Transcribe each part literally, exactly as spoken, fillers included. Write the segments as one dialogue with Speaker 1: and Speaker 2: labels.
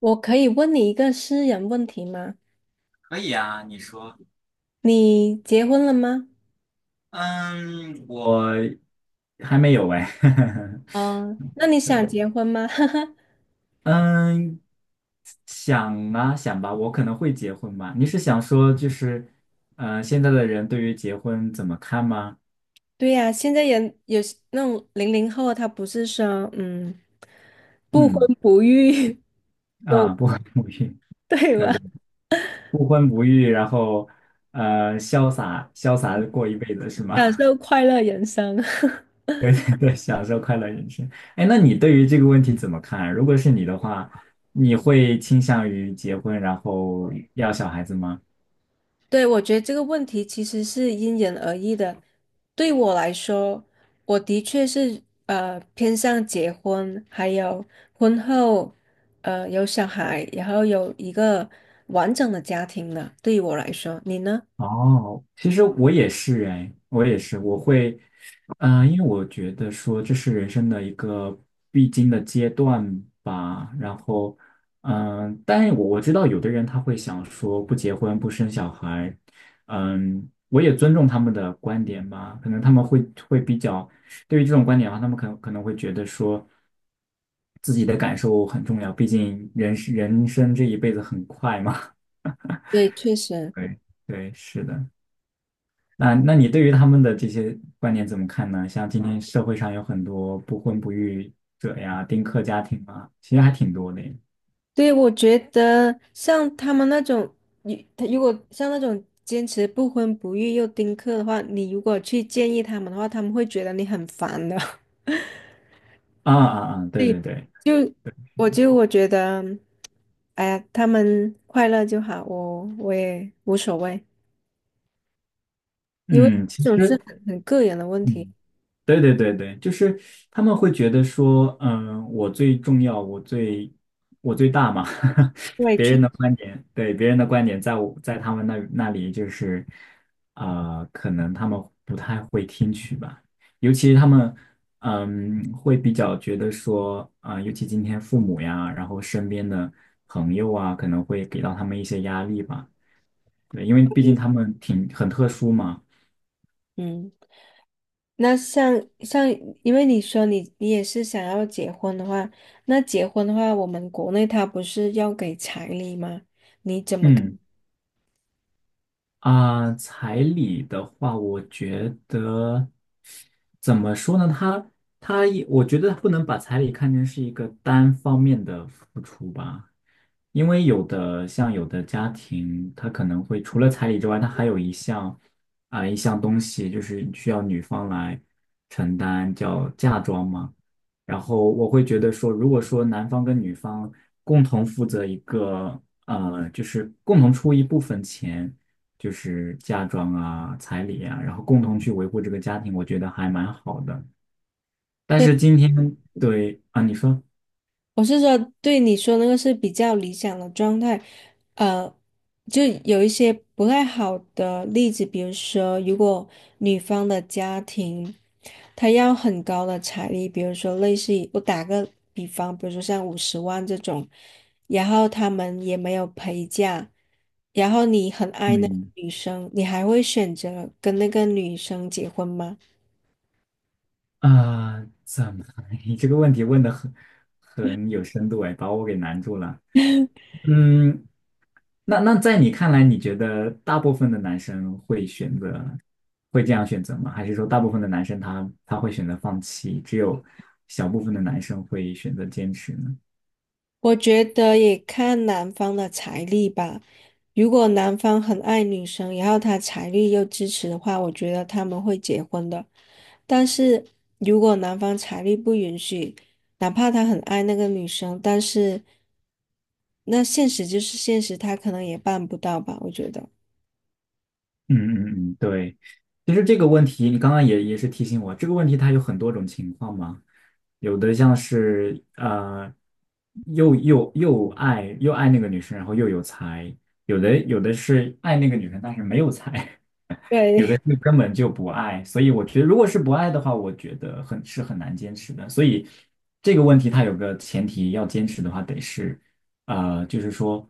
Speaker 1: 我可以问你一个私人问题吗？
Speaker 2: 可以啊，你说。
Speaker 1: 你结婚了吗？
Speaker 2: 嗯，我还没有哎。
Speaker 1: 嗯，那你想结婚吗？哈哈，
Speaker 2: 嗯，想啊想吧，我可能会结婚吧。你是想说就是，呃，现在的人对于结婚怎么看吗？
Speaker 1: 对呀，现在人有些那种零零后，他不是说嗯不
Speaker 2: 嗯，
Speaker 1: 婚不育 那种，
Speaker 2: 啊，不婚不育，
Speaker 1: 对
Speaker 2: 对
Speaker 1: 吧？
Speaker 2: 对，不婚不育，然后呃，潇洒潇洒地过一辈子是吗？
Speaker 1: 享受快乐人生。
Speaker 2: 对对对，享受快乐人生。哎，那你对于这个问题怎么看啊？如果是你的话，你会倾向于结婚然后要小孩子吗？
Speaker 1: 对，我觉得这个问题其实是因人而异的。对我来说，我的确是呃偏向结婚，还有婚后呃有小孩，然后有一个完整的家庭的。对于我来说，你呢？
Speaker 2: 哦，其实我也是哎，我也是，我会，嗯、因为我觉得说这是人生的一个必经的阶段吧。然后，嗯、但是我我知道有的人他会想说不结婚不生小孩，嗯，我也尊重他们的观点吧。可能他们会会比较对于这种观点的话，他们可能可能会觉得说自己的感受很重要，毕竟人是人生这一辈子很快嘛。
Speaker 1: 对，确 实，
Speaker 2: 对对，是的。那那你对于他们的这些观点怎么看呢？像今嗯天社会上有很多不婚不育者呀、丁克家庭啊，其实还挺多的
Speaker 1: 对，我觉得像他们那种，你他如果像那种坚持不婚不育又丁克的话，你如果去建议他们的话，他们会觉得你很烦的。
Speaker 2: 啊啊啊！对
Speaker 1: 对，
Speaker 2: 对对，
Speaker 1: 就我就我觉得，哎呀，他们快乐就好，我我也无所谓，因为
Speaker 2: 嗯，其
Speaker 1: 这种是
Speaker 2: 实。
Speaker 1: 很很个人的问题。
Speaker 2: 嗯。对对对对，就是他们会觉得说，嗯，我最重要，我最我最大嘛，
Speaker 1: 对，
Speaker 2: 别
Speaker 1: 确，
Speaker 2: 人的观点，对别人的观点，在我在他们那那里就是，啊、可能他们不太会听取吧，尤其他们，嗯，会比较觉得说，啊、尤其今天父母呀，然后身边的朋友啊，可能会给到他们一些压力吧，对，因为毕竟他们挺很特殊嘛，
Speaker 1: 嗯，那像像，因为你说你你也是想要结婚的话，那结婚的话，我们国内他不是要给彩礼吗？
Speaker 2: 嗯。啊、彩礼的话，我觉得怎么说呢？他他也，我觉得不能把彩礼看成是一个单方面的付出吧，因为有的像有的家庭，他可能会除了彩礼之外，他还有一项啊、一项东西，就是需要女方来承担，叫嫁妆嘛。然后我会觉得说，如果说男方跟女方共同负责一个，呃，就是共同出一部分钱。就是嫁妆啊、彩礼啊，然后共同去维护这个家庭，我觉得还蛮好的。但是今天对啊，你说，
Speaker 1: 我是说，对你说那个是比较理想的状态，呃，就有一些不太好的例子，比如说，如果女方的家庭，她要很高的彩礼，比如说类似于我打个比方，比如说像五十万这种，然后他们也没有陪嫁，然后你很爱那个
Speaker 2: 嗯
Speaker 1: 女生，你还会选择跟那个女生结婚吗？
Speaker 2: 啊，怎么？你这个问题问的很很有深度哎，把我给难住了。嗯，那那在你看来，你觉得大部分的男生会选择会这样选择吗？还是说大部分的男生他他会选择放弃，只有小部分的男生会选择坚持呢？
Speaker 1: 我觉得也看男方的财力吧。如果男方很爱女生，然后他财力又支持的话，我觉得他们会结婚的。但是如果男方财力不允许，哪怕他很爱那个女生，但是那现实就是现实，他可能也办不到吧，我觉得。
Speaker 2: 嗯嗯嗯，对。其实这个问题，你刚刚也也是提醒我，这个问题它有很多种情况嘛，有的像是呃又又又爱又爱那个女生，然后又有才，有的有的是爱那个女生但是没有才，有的
Speaker 1: 对。
Speaker 2: 是根本就不爱，所以我觉得，如果是不爱的话，我觉得很是很难坚持的。所以这个问题它有个前提，要坚持的话得是，呃，就是说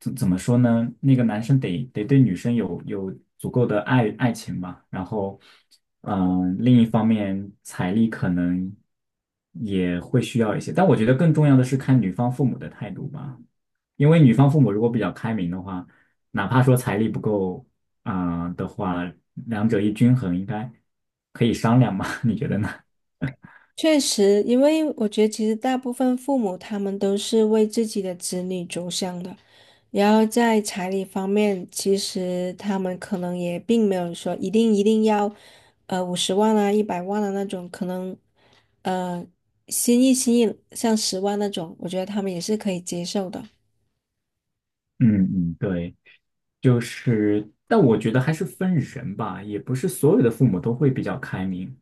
Speaker 2: 怎怎么说呢？那个男生得得对女生有有足够的爱爱情吧，然后，嗯、另一方面财力可能也会需要一些，但我觉得更重要的是看女方父母的态度吧，因为女方父母如果比较开明的话。哪怕说财力不够，啊，的话，两者一均衡应该可以商量嘛？你觉得呢？
Speaker 1: 确实，因为我觉得其实大部分父母他们都是为自己的子女着想的，然后在彩礼方面，其实他们可能也并没有说一定一定要，呃，五十万啊、一百万的那种，可能，呃，心意心意像十万那种，我觉得他们也是可以接受的。
Speaker 2: 嗯嗯，对。就是，但我觉得还是分人吧，也不是所有的父母都会比较开明。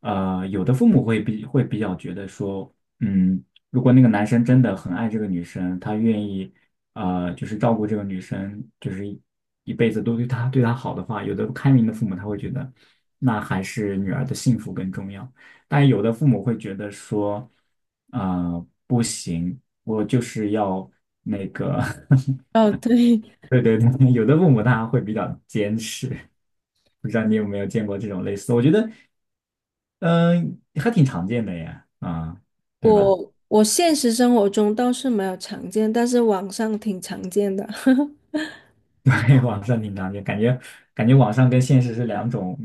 Speaker 2: 呃，有的父母会比会比较觉得说，嗯，如果那个男生真的很爱这个女生，他愿意，呃，就是照顾这个女生，就是一一辈子都对她对她好的话，有的开明的父母他会觉得，那还是女儿的幸福更重要。但有的父母会觉得说，啊、不行，我就是要那个
Speaker 1: 哦，对，
Speaker 2: 对对对，有的父母他会比较坚持，不知道你有没有见过这种类似的我觉得，嗯、还挺常见的呀，啊、对吧？
Speaker 1: 我我现实生活中倒是没有常见，但是网上挺常见的。
Speaker 2: 对，网上挺常见，感觉感觉网上跟现实是两种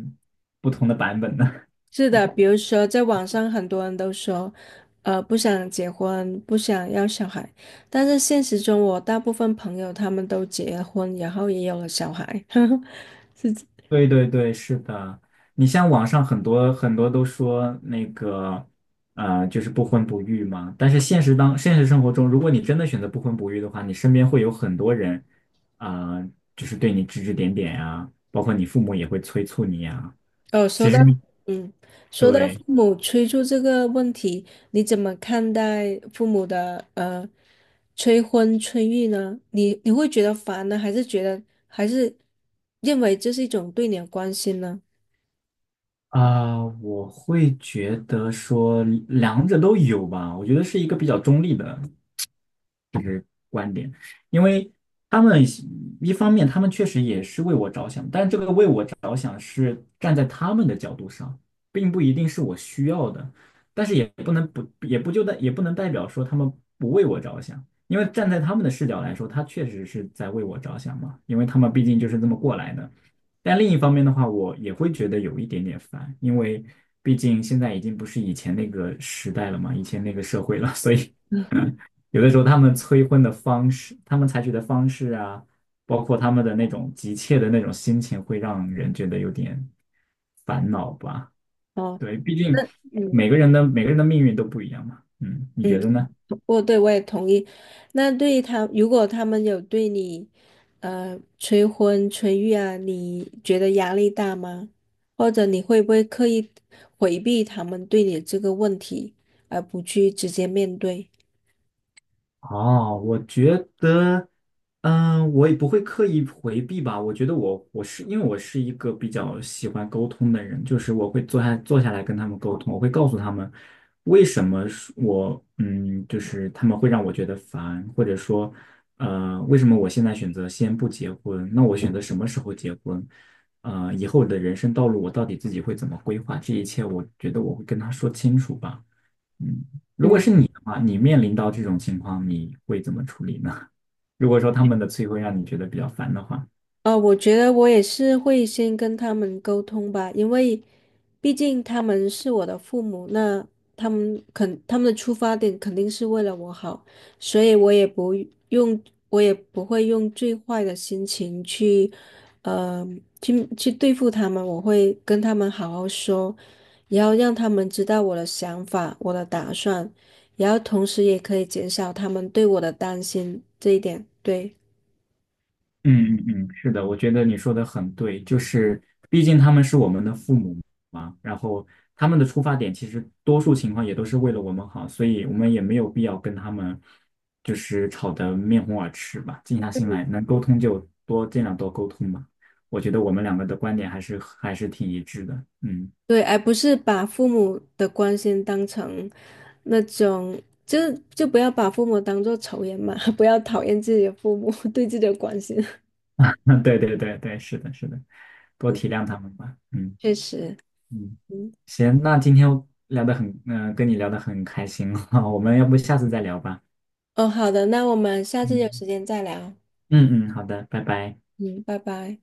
Speaker 2: 不同的版本呢。
Speaker 1: 是的，比如说在网上很多人都说，呃，不想结婚，不想要小孩，但是现实中我大部分朋友他们都结婚，然后也有了小孩。是这
Speaker 2: 对对对，是的。你像网上很多很多都说那个，呃，就是不婚不育嘛。但是现实当现实生活中，如果你真的选择不婚不育的话，你身边会有很多人，啊、就是对你指指点点呀，包括你父母也会催促你啊。
Speaker 1: 哦，说
Speaker 2: 其
Speaker 1: 到，
Speaker 2: 实你
Speaker 1: 嗯，说到父
Speaker 2: 对，
Speaker 1: 母催促这个问题，你怎么看待父母的呃催婚催育呢？你你会觉得烦呢，还是觉得还是认为这是一种对你的关心呢？
Speaker 2: 啊、我会觉得说两者都有吧。我觉得是一个比较中立的观点，因为他们一方面他们确实也是为我着想，但这个为我着想是站在他们的角度上，并不一定是我需要的，但是也不能不也不就代也不能代表说他们不为我着想，因为站在他们的视角来说，他确实是在为我着想嘛，因为他们毕竟就是这么过来的。但另一方面的话，我也会觉得有一点点烦，因为毕竟现在已经不是以前那个时代了嘛，以前那个社会了。所以。有的时候他们催婚的方式，他们采取的方式啊，包括他们的那种急切的那种心情，会让人觉得有点烦恼吧。
Speaker 1: 哦，
Speaker 2: 对，毕竟
Speaker 1: 那。嗯。
Speaker 2: 每个人的每个人的命运都不一样嘛。嗯，你
Speaker 1: 嗯，
Speaker 2: 觉得呢？
Speaker 1: 我对我也同意。那对于他，如果他们有对你，呃，催婚催育啊，你觉得压力大吗？或者你会不会刻意回避他们对你这个问题，而不去直接面对？
Speaker 2: 哦，我觉得，嗯，我也不会刻意回避吧。我觉得我我是因为我是一个比较喜欢沟通的人，就是我会坐下坐下来跟他们沟通，我会告诉他们为什么是我，嗯，就是他们会让我觉得烦，或者说呃，为什么我现在选择先不结婚？那我选择什么时候结婚？呃，以后我的人生道路我到底自己会怎么规划？这一切我觉得我会跟他说清楚吧。嗯，如果
Speaker 1: 嗯。
Speaker 2: 是你的话，你面临到这种情况，你会怎么处理呢？如果说他们的催毁让你觉得比较烦的话，
Speaker 1: 呃，我觉得我也是会先跟他们沟通吧，因为毕竟他们是我的父母，那他们肯他们的出发点肯定是为了我好，所以我也不用，我也不会用最坏的心情去，呃，去去对付他们，我会跟他们好好说，然后让他们知道我的想法、我的打算，然后同时也可以减少他们对我的担心，这一点，对。
Speaker 2: 嗯嗯嗯，是的，我觉得你说的很对，就是毕竟他们是我们的父母嘛，然后他们的出发点其实多数情况也都是为了我们好，所以我们也没有必要跟他们就是吵得面红耳赤吧，静下心来，能沟通就多尽量多沟通吧。我觉得我们两个的观点还是还是挺一致的，嗯。
Speaker 1: 对，而不是把父母的关心当成那种，就就不要把父母当做仇人嘛，不要讨厌自己的父母 对自己的关心。
Speaker 2: 嗯，对对对对，是的，是的，多体
Speaker 1: 嗯，
Speaker 2: 谅他们吧。嗯
Speaker 1: 确实，
Speaker 2: 嗯，
Speaker 1: 嗯，
Speaker 2: 行，那今天聊得很，嗯、跟你聊得很开心 我们要不下次再聊吧。
Speaker 1: 哦，好的，那我们下次有
Speaker 2: 嗯
Speaker 1: 时间再聊，
Speaker 2: 嗯嗯，好的，拜拜。
Speaker 1: 嗯，拜拜。